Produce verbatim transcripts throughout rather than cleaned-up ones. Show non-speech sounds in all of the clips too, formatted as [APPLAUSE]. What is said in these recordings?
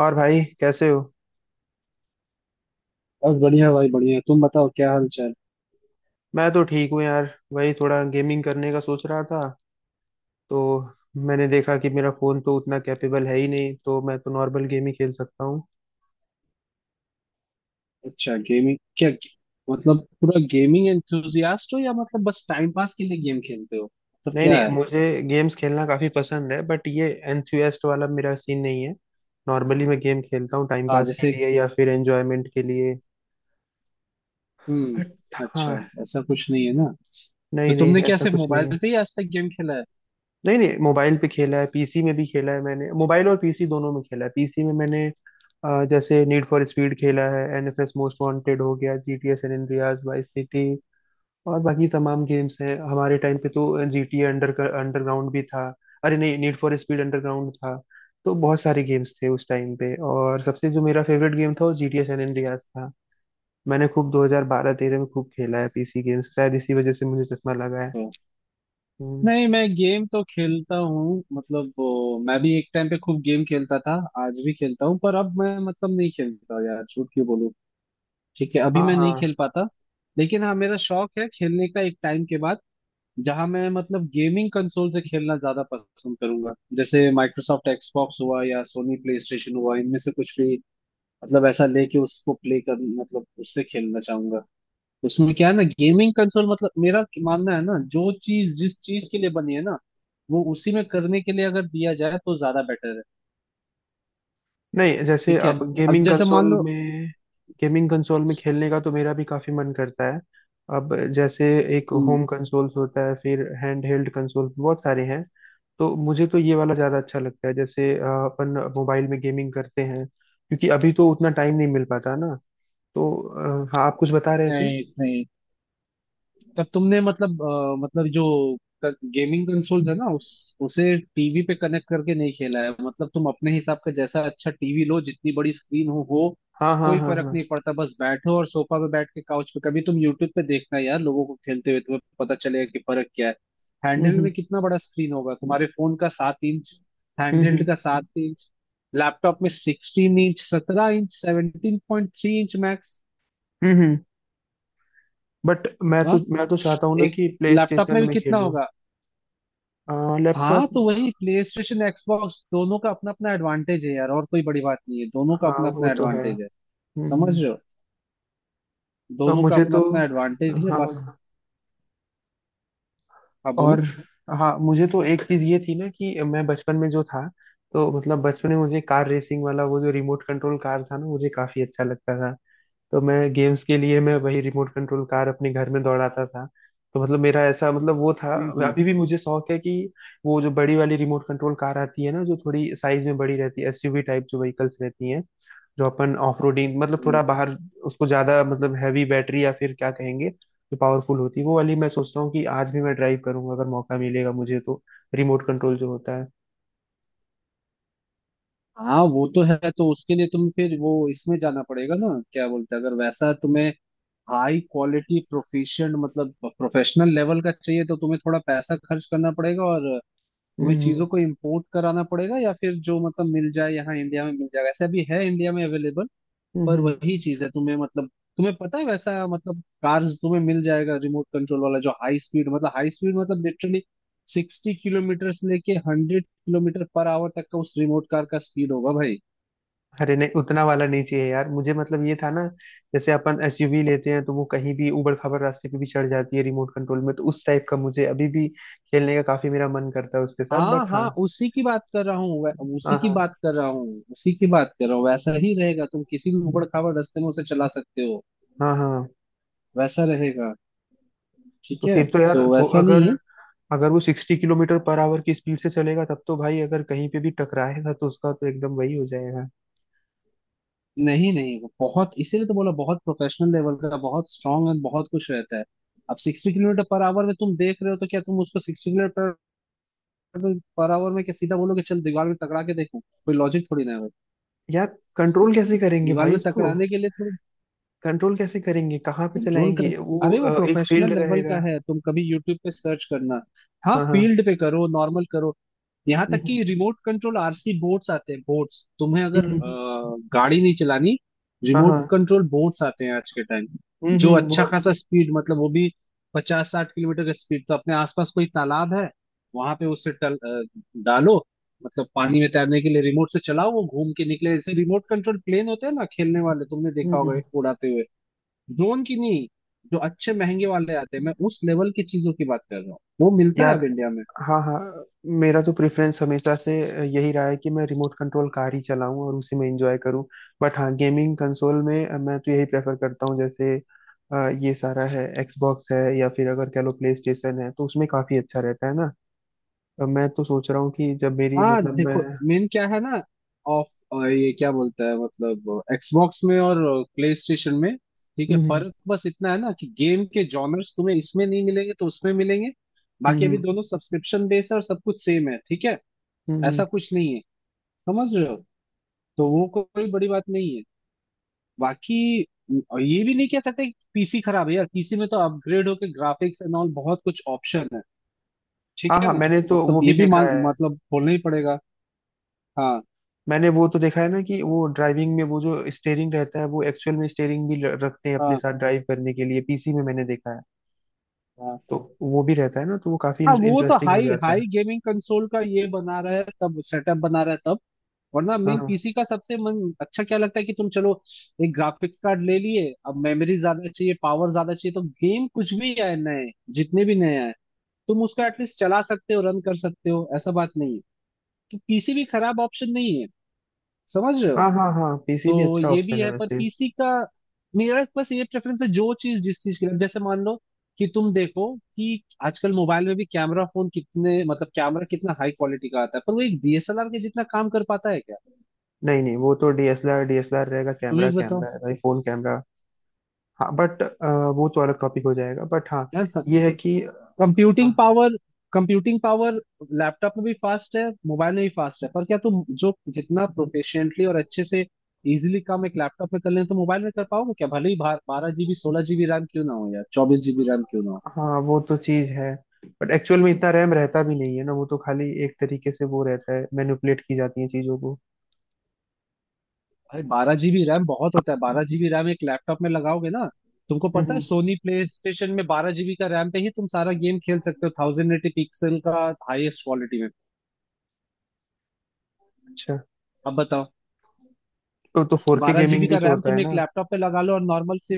और भाई कैसे हो? बस बढ़िया भाई बढ़िया। तुम बताओ क्या हाल चाल। मैं तो ठीक हूँ यार। वही थोड़ा गेमिंग करने का सोच रहा था तो मैंने देखा कि मेरा फोन तो उतना कैपेबल है ही नहीं, तो मैं तो नॉर्मल गेम ही खेल सकता हूँ। अच्छा, गेमिंग क्या? मतलब पूरा गेमिंग एंथुजियास्ट हो या मतलब बस टाइम पास के लिए गेम खेलते हो, मतलब नहीं क्या नहीं, है? मुझे गेम्स खेलना काफी पसंद है, बट ये एंथुसियास्ट वाला मेरा सीन नहीं है। नॉर्मली मैं गेम खेलता हूँ टाइम हाँ, पास के जैसे। लिए या फिर एंजॉयमेंट के लिए। बट हम्म, हाँ। अच्छा। ऐसा कुछ नहीं है ना। तो नहीं नहीं, तुमने क्या ऐसा सिर्फ कुछ नहीं है। मोबाइल पे ही आज तक गेम खेला है? नहीं नहीं, मोबाइल पे खेला है, पी सी में भी खेला है। मैंने मोबाइल और पीसी दोनों में खेला है। पीसी में मैंने अ, जैसे नीड फॉर स्पीड खेला है, N F S most wanted हो गया, G T A San Andreas, Vice City और बाकी तमाम गेम्स हैं हमारे टाइम पे तो। जीटीए अंडर अंडरग्राउंड भी था। अरे नहीं, नीड फॉर स्पीड अंडरग्राउंड था। तो बहुत सारे गेम्स थे उस टाइम पे, और सबसे जो मेरा फेवरेट गेम था वो जीटीए सैन एंड्रियास था। मैंने खूब दो हज़ार बारह-तेरह में खूब खेला है पीसी गेम्स। शायद इसी वजह से मुझे चश्मा लगा है। तो हम्म। नहीं, मैं गेम तो खेलता हूँ मतलब वो, मैं भी एक टाइम पे खूब गेम खेलता था। आज भी खेलता हूँ पर अब मैं मतलब नहीं खेलता, यार झूठ क्यों बोलूँ। ठीक है, अभी हाँ मैं नहीं खेल हाँ। पाता। लेकिन हाँ, मेरा शौक है खेलने का। एक टाइम के बाद जहां मैं मतलब गेमिंग कंसोल से खेलना ज्यादा पसंद करूंगा। जैसे माइक्रोसॉफ्ट एक्सबॉक्स हुआ या सोनी प्ले स्टेशन हुआ, इनमें से कुछ भी मतलब ऐसा लेके उसको प्ले कर मतलब उससे खेलना चाहूंगा। उसमें क्या है ना, गेमिंग कंसोल मतलब मेरा मानना है ना, जो चीज जिस चीज के लिए बनी है ना वो उसी में करने के लिए अगर दिया जाए तो ज्यादा बेटर है। नहीं, जैसे ठीक है। अब अब गेमिंग जैसे कंसोल मान लो। में, गेमिंग कंसोल में खेलने का तो मेरा भी काफी मन करता है। अब जैसे एक हम्म। होम कंसोल्स होता है, फिर हैंड हेल्ड कंसोल बहुत सारे हैं। तो मुझे तो ये वाला ज्यादा अच्छा लगता है। जैसे अ, अपन मोबाइल में गेमिंग करते हैं क्योंकि अभी तो उतना टाइम नहीं मिल पाता ना। तो अ, हाँ, आप कुछ बता रहे थे? नहीं नहीं। तब तुमने मतलब अ, मतलब जो गेमिंग कंसोल्स है ना उस उसे टीवी पे कनेक्ट करके नहीं खेला है मतलब तुम अपने हिसाब का जैसा अच्छा टीवी लो, जितनी बड़ी स्क्रीन हो हो हाँ हाँ कोई हाँ फर्क हाँ। नहीं पड़ता। बस बैठो और सोफा पे बैठ के काउच पे कभी तुम यूट्यूब पे देखना यार लोगों को खेलते हुए, तुम्हें पता चलेगा कि फर्क क्या है। हम्म हैंडहेल्ड में हम्म। कितना बड़ा स्क्रीन होगा, तुम्हारे फोन का सात इंच? हैंडहेल्ड हम्म का सात इंच? लैपटॉप में सिक्सटीन इंच, सत्रह inch, seventeen point three inch max. Hmm. Hmm. But मैं हाँ। तो मैं तो चाहता हूँ ना एक कि प्ले लैपटॉप में स्टेशन भी में कितना खेलूँ। होगा। हाँ लैपटॉप। तो वही, प्ले स्टेशन एक्सबॉक्स दोनों का अपना अपना एडवांटेज है यार, और कोई बड़ी बात नहीं है। दोनों का हाँ, अपना वो अपना तो है। एडवांटेज है। हम्म समझ हम्म। रहे हो, अब दोनों का मुझे अपना तो। अपना एडवांटेज है बस। हाँ। हाँ और। बोलो। हाँ, मुझे तो एक चीज ये थी ना कि मैं बचपन में जो था, तो मतलब बचपन में मुझे कार रेसिंग वाला वो जो रिमोट कंट्रोल कार था ना, मुझे काफी अच्छा लगता था। तो मैं गेम्स के लिए मैं वही रिमोट कंट्रोल कार अपने घर में दौड़ाता था। तो मतलब मेरा ऐसा मतलब वो था। हम्म हम्म। अभी भी मुझे शौक है कि वो जो बड़ी वाली रिमोट कंट्रोल कार आती है ना, जो थोड़ी साइज में बड़ी रहती है, एस यू वी टाइप जो व्हीकल्स रहती हैं, जो अपन ऑफ रोडिंग मतलब हम्म। थोड़ा बाहर, उसको ज्यादा मतलब हैवी बैटरी या फिर क्या कहेंगे, जो पावरफुल होती है, वो वाली मैं सोचता हूँ कि आज भी मैं ड्राइव करूंगा अगर मौका मिलेगा मुझे तो। रिमोट कंट्रोल जो होता है। हाँ वो तो है। तो उसके लिए तुम फिर वो इसमें जाना पड़ेगा ना, क्या बोलते हैं, अगर वैसा तुम्हें हाई क्वालिटी प्रोफिशिएंट मतलब प्रोफेशनल लेवल का चाहिए तो तुम्हें थोड़ा पैसा खर्च करना पड़ेगा, और तुम्हें हम्म चीजों को इम्पोर्ट कराना पड़ेगा या फिर जो मतलब मिल जाए यहाँ, इंडिया में मिल जाएगा, ऐसा भी है इंडिया में अवेलेबल। पर हम्म। वही चीज है, तुम्हें मतलब तुम्हें पता है वैसा मतलब कार्स तुम्हें मिल जाएगा रिमोट कंट्रोल वाला, जो हाई स्पीड मतलब हाई स्पीड मतलब लिटरली सिक्सटी किलोमीटर से लेके हंड्रेड किलोमीटर पर आवर तक का उस रिमोट कार का स्पीड होगा भाई। अरे नहीं, उतना वाला नहीं चाहिए यार मुझे। मतलब ये था ना, जैसे अपन एसयूवी लेते हैं तो वो कहीं भी ऊबड़ खाबड़ रास्ते पे भी चढ़ जाती है, रिमोट कंट्रोल में तो उस टाइप का मुझे अभी भी खेलने का काफी मेरा मन करता है उसके साथ। हाँ बट हाँ। हाँ उसी की बात कर रहा हूँ, वै- उसी हाँ की हाँ बात कर रहा हूँ उसी की बात कर रहा हूँ, वैसा ही रहेगा। तुम किसी भी उबड़ खाबड़ रास्ते में उसे चला सकते हो, हाँ हाँ। हाँ वैसा रहेगा। ठीक तो है, फिर तो यार, तो तो वैसा अगर, नहीं है। अगर वो सिक्सटी किलोमीटर पर आवर की स्पीड से चलेगा, तब तो भाई अगर कहीं पे भी टकराएगा तो उसका तो एकदम वही हो जाएगा। नहीं नहीं, वो बहुत, इसीलिए तो बोला बहुत प्रोफेशनल लेवल का, बहुत स्ट्रांग है, बहुत कुछ रहता है। अब सिक्सटी किलोमीटर पर आवर में तुम देख रहे हो तो क्या तुम उसको सिक्सटी किलोमीटर पर आवर में क्या सीधा बोलोगे चल दीवार में टकरा के देखो, कोई लॉजिक थोड़ी ना है भाई। यार कंट्रोल कैसे करेंगे दीवार भाई में उसको? टकराने के लिए थोड़ी। कंट्रोल कैसे करेंगे, कहाँ पे कंट्रोल कर, चलाएंगे? वो अरे वो अ, एक प्रोफेशनल फील्ड लेवल का रहेगा। है, तुम कभी यूट्यूब पे सर्च करना। हाँ हाँ हाँ। फील्ड पे करो, नॉर्मल करो। यहाँ हम्म। तक हम्म। कि remote control R C boats आते हैं, बोट्स तुम्हें अगर हम्म। हम्म। अ, गाड़ी नहीं चलानी, हाँ रिमोट हाँ। कंट्रोल बोट्स आते हैं आज के टाइम। हम्म जो हम्म, अच्छा खासा बहुत। स्पीड मतलब वो भी पचास साठ किलोमीटर का स्पीड, तो अपने आसपास कोई तालाब है वहां पे उससे टल, अ, डालो मतलब पानी में तैरने के लिए रिमोट से चलाओ वो घूम के निकले। जैसे रिमोट कंट्रोल प्लेन होते हैं ना खेलने वाले, तुमने देखा हम्म होगा हम्म। उड़ाते हुए। ड्रोन की नहीं, जो अच्छे महंगे वाले आते हैं, मैं उस लेवल की चीजों की बात कर रहा हूँ, वो मिलता है अब यार। इंडिया में। हाँ हाँ। मेरा तो प्रेफरेंस हमेशा से यही रहा है कि मैं रिमोट कंट्रोल कार ही चलाऊं और उसी में एंजॉय करूं। बट हाँ, गेमिंग कंसोल में अ, मैं तो यही प्रेफर करता हूँ। जैसे अ, ये सारा है, एक्सबॉक्स है या फिर अगर कह लो प्ले स्टेशन है, तो उसमें काफी अच्छा रहता है ना। अ, मैं तो सोच रहा हूँ कि जब मेरी हाँ मतलब मैं। देखो, मेन क्या है ना, ऑफ अ, ये क्या बोलता है मतलब एक्सबॉक्स में और प्ले स्टेशन में। ठीक है, हम्म हम्म। फर्क बस इतना है ना कि गेम के जॉनर्स तुम्हें इसमें नहीं मिलेंगे तो उसमें मिलेंगे। हम्म बाकी अभी हम्म। दोनों सब्सक्रिप्शन बेस है और सब कुछ सेम है, ठीक है। हम्म, हम्म। ऐसा कुछ नहीं है, समझ रहे हो? तो वो कोई बड़ी बात नहीं है। बाकी, और ये भी नहीं कह सकते कि पी सी खराब है यार, पीसी में तो अपग्रेड होके ग्राफिक्स एंड ऑल बहुत कुछ ऑप्शन है, ठीक हाँ है हाँ, ना। मैंने तो मतलब वो ये भी भी देखा मान है। मतलब बोलना ही पड़ेगा। हाँ मैंने वो तो देखा है ना कि वो ड्राइविंग में, वो जो स्टेयरिंग रहता है, वो एक्चुअल में स्टेयरिंग भी ल- रखते हैं अपने हाँ साथ ड्राइव करने के लिए, पीसी में मैंने देखा है। हाँ। तो वो भी रहता है ना, तो वो काफी हाँ वो तो, इंटरेस्टिंग हो हाई जाता है। हाई गेमिंग कंसोल का ये बना रहा है तब, सेटअप बना रहा है तब। वरना हाँ मेन हाँ पीसी का सबसे मन अच्छा क्या लगता है कि तुम चलो एक ग्राफिक्स कार्ड ले लिए, अब मेमोरी ज्यादा चाहिए पावर ज्यादा चाहिए तो गेम कुछ भी आए नए, जितने भी नए आए तुम उसको एटलीस्ट चला सकते हो, रन कर सकते हो, ऐसा बात नहीं है। तो पीसी भी खराब ऑप्शन नहीं है, समझ रहे हो। हाँ हाँ हाँ, पीसी भी तो अच्छा ये भी ऑप्शन है है, पर वैसे। पीसी का मेरा बस ये प्रेफरेंस है जो चीज जिस चीज के लिए। जैसे मान लो कि तुम देखो कि आजकल मोबाइल में भी कैमरा, फोन कितने मतलब कैमरा कितना हाई क्वालिटी का आता है, पर वो एक डी एस एल आर के जितना काम कर पाता है क्या? नहीं नहीं, वो तो D S L R DSLR रहेगा, तुम ही कैमरा बताओ, कैमरा है भाई, फोन कैमरा। हाँ, बट वो तो अलग टॉपिक हो जाएगा, बट हाँ है ना? ये है कि। हाँ। Computing power, computing power laptop में भी फास्ट है, मोबाइल में भी फास्ट है, पर क्या तुम जो जितना प्रोफिशिएंटली और अच्छे से इजिली काम एक लैपटॉप में कर लें तो मोबाइल में कर पाओगे क्या, भले ही बारह जीबी सोलह जीबी रैम क्यों ना हो या चौबीस जीबी रैम क्यों ना हो। हाँ, वो तो चीज है, बट एक्चुअल में इतना रैम रहता भी नहीं है ना, वो तो खाली एक तरीके से वो रहता है, मैनिपुलेट की जाती है चीजों को। भाई बारह जीबी रैम बहुत होता है, बारह जीबी रैम एक लैपटॉप में लगाओगे ना। तुमको हम्म पता है हम्म, सोनी प्ले स्टेशन में बारह जीबी का रैम पे ही तुम सारा गेम खेल सकते हो थाउजेंड एटी पिक्सल का, हाईएस्ट क्वालिटी में, अच्छा। अब बताओ। तो तो फोर के बारह जीबी गेमिंग का भी तो रैम होता तुम है एक ना। लैपटॉप पे लगा लो और नॉर्मल से।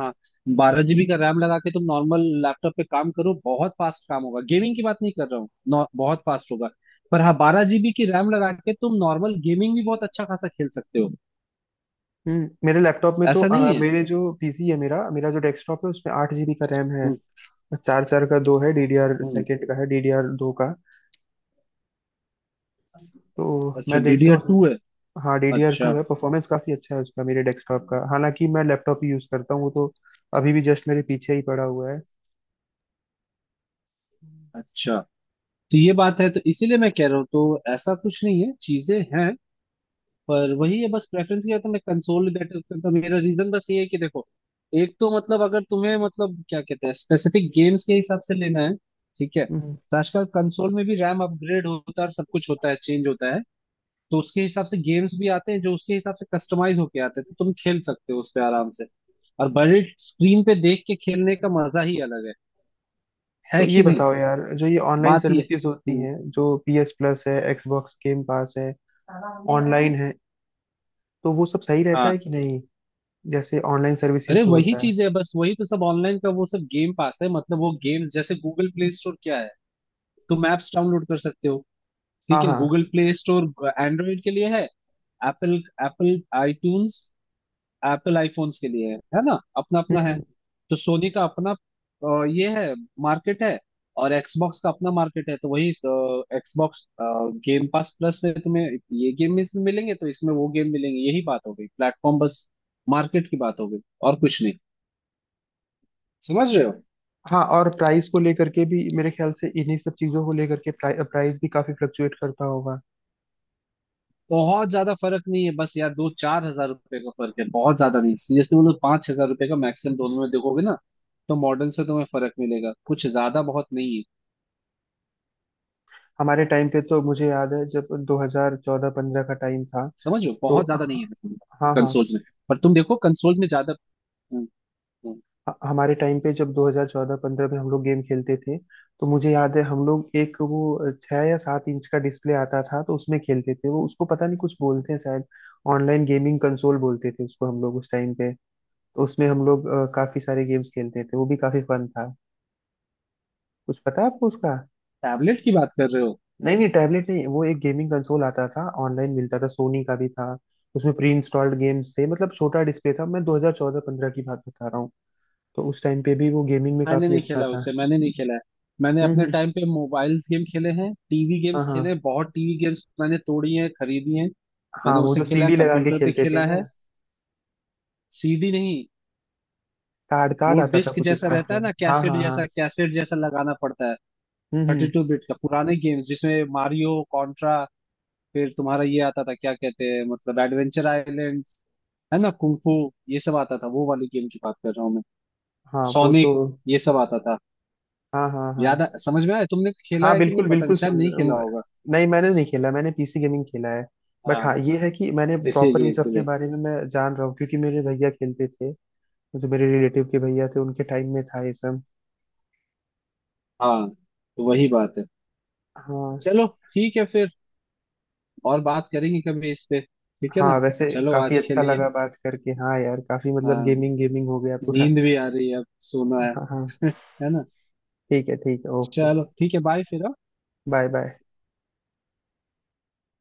हाँ, बारह जीबी का रैम लगा के तुम नॉर्मल लैपटॉप पे काम करो, बहुत फास्ट काम होगा, गेमिंग की बात नहीं कर रहा हूँ, नॉ- बहुत फास्ट होगा। पर हाँ, बारह जीबी की रैम लगा के तुम नॉर्मल गेमिंग भी बहुत अच्छा खासा खेल सकते हो, हम्म मेरे लैपटॉप में तो ऐसा नहीं अ, है। मेरे जो पीसी है, मेरा मेरा जो डेस्कटॉप है, उसमें आठ जीबी का रैम है। हम्म चार चार का दो है, डी डी आर हम्म। सेकेंड का है, डीडीआर दो का। तो अच्छा मैं डीडीआर देखता हूँ। टू है? हाँ, डीडीआर अच्छा, टू है। परफॉर्मेंस काफी अच्छा है उसका, मेरे डेस्कटॉप का, हालांकि मैं लैपटॉप ही यूज करता हूँ। वो तो अभी भी जस्ट मेरे पीछे ही पड़ा हुआ है। अच्छा। तो ये बात है, तो इसीलिए मैं कह रहा हूँ तो ऐसा कुछ नहीं है, चीजें हैं पर वही है बस। प्रेफरेंस क्या था मैं कंसोलिडेटेड करता हूं। मेरा रीजन बस ये है कि देखो, एक तो मतलब अगर तुम्हें मतलब क्या कहते हैं स्पेसिफिक गेम्स के हिसाब से लेना है, ठीक है। हम्म, तो आजकल कंसोल में भी रैम अपग्रेड होता है और सब कुछ होता है, चेंज होता है, तो उसके हिसाब से गेम्स भी आते हैं जो उसके हिसाब से कस्टमाइज होके आते हैं, तो तुम खेल सकते हो उस पे आराम से। और बड़े स्क्रीन पे देख के खेलने का मजा ही अलग है है तो ये कि नहीं। बताओ यार, जो ये ऑनलाइन बात ही है। सर्विसेज होती हम्म। हैं, जो P S प्लस है, Xbox गेम पास है, ऑनलाइन है, तो वो सब सही रहता है कि नहीं? जैसे ऑनलाइन अरे सर्विसेज जो वही होता है। चीज है बस, वही तो सब ऑनलाइन का वो सब गेम पास है मतलब वो गेम्स, जैसे गूगल प्ले स्टोर क्या है, तुम ऐप्स डाउनलोड कर सकते हो। ठीक हाँ है, हाँ। गूगल प्ले स्टोर एंड्रॉइड के लिए है। Apple, Apple iTunes, Apple iPhones के लिए है है ना, अपना अपना है। हम्म। तो सोनी का अपना अ, ये है, मार्केट है, और एक्सबॉक्स का अपना मार्केट है, तो वही एक्सबॉक्स गेम पास प्लस में तुम्हें ये गेम इसमें मिलेंगे तो इसमें वो गेम मिलेंगे, यही बात हो गई, प्लेटफॉर्म बस, मार्केट की बात हो गई और कुछ नहीं, समझ रहे हो। हाँ, और प्राइस को लेकर के भी मेरे ख्याल से, इन्हीं सब चीजों को लेकर के प्राइ, प्राइस भी काफी फ्लक्चुएट करता होगा। बहुत ज्यादा फर्क नहीं है बस यार, दो चार हजार रुपए का फर्क है, बहुत ज्यादा नहीं सीरियसली बोलो, पांच हजार रुपए का मैक्सिमम दोनों में देखोगे ना। तो मॉडल से तुम्हें फर्क मिलेगा, कुछ ज्यादा बहुत नहीं है। हमारे टाइम पे तो मुझे याद है जब दो हज़ार चौदह-पंद्रह का टाइम था समझो तो। बहुत ज्यादा नहीं है हाँ हाँ। कंसोल्स में, पर तुम देखो कंसोल्स में ज्यादा। ह- हमारे टाइम पे जब दो हज़ार चौदह-पंद्रह में हम लोग गेम खेलते थे, तो मुझे याद है हम लोग एक वो छह या सात इंच का डिस्प्ले आता था, तो उसमें खेलते थे। वो उसको पता नहीं कुछ बोलते हैं शायद, ऑनलाइन गेमिंग कंसोल बोलते थे उसको हम लोग उस टाइम पे। तो उसमें हम लोग अ, काफी सारे गेम्स खेलते थे, वो भी काफी फन था। कुछ पता है आपको उसका? टैबलेट की बात कर रहे हो? नहीं नहीं, टैबलेट नहीं, वो एक गेमिंग कंसोल आता था, ऑनलाइन मिलता था, सोनी का भी था। उसमें प्री इंस्टॉल्ड गेम्स थे, मतलब छोटा डिस्प्ले था। मैं दो हज़ार चौदह-पंद्रह की बात बता रहा हूँ। तो उस टाइम पे भी वो गेमिंग में मैंने काफी नहीं अच्छा खेला था। उसे, मैंने नहीं खेला है। मैंने हम्म अपने हम्म। टाइम पे मोबाइल्स गेम खेले हैं, टीवी हाँ गेम्स खेले हैं, हाँ। बहुत टीवी गेम्स मैंने तोड़ी हैं, खरीदी हैं। हाँ, मैंने वो उसे जो खेला है, सी डी लगा के कंप्यूटर पे खेलते थे खेला ना। है, सी डी नहीं। कार्ड वो कार्ड आता था डिस्क कुछ जैसा उसका रहता है ना, शायद। हाँ कैसेट हाँ जैसा, हाँ। कैसेट जैसा लगाना पड़ता है। हम्म थर्टी हम्म। टू बिट का पुराने गेम्स जिसमें मारियो, कॉन्ट्रा, फिर तुम्हारा ये आता था क्या कहते हैं मतलब एडवेंचर आइलैंड, है ना कुंफू, ये सब आता था, वो वाली गेम की बात कर रहा हूँ मैं। हाँ वो तो। सोनिक, ये सब आता था। हाँ हाँ हाँ। याद आ, समझ में आया, तुमने तो खेला हाँ है कि नहीं बिल्कुल पता नहीं, बिल्कुल, शायद समझ। नहीं खेला होगा। नहीं, मैंने नहीं खेला। मैंने पीसी गेमिंग खेला है। हाँ, बट हाँ, ये है कि मैंने प्रॉपर इसीलिए इन सब के इसीलिए। बारे में मैं जान रहा हूँ क्योंकि मेरे भैया खेलते थे, जो मेरे रिलेटिव के भैया थे, उनके टाइम में था ये सब। हाँ तो वही बात है। हाँ। चलो ठीक है फिर, और बात करेंगे कभी इस पे, ठीक है ना। हाँ, वैसे चलो काफी आज अच्छा खेलिए। लगा बात करके। हाँ यार, काफी मतलब हाँ, गेमिंग गेमिंग हो गया पूरा। नींद भी आ रही है अब, सोना है। हाँ हाँ। [LAUGHS] है ना। ठीक है, ठीक है, ओके। चलो ठीक है बाय फिर, हाँ? Bye bye.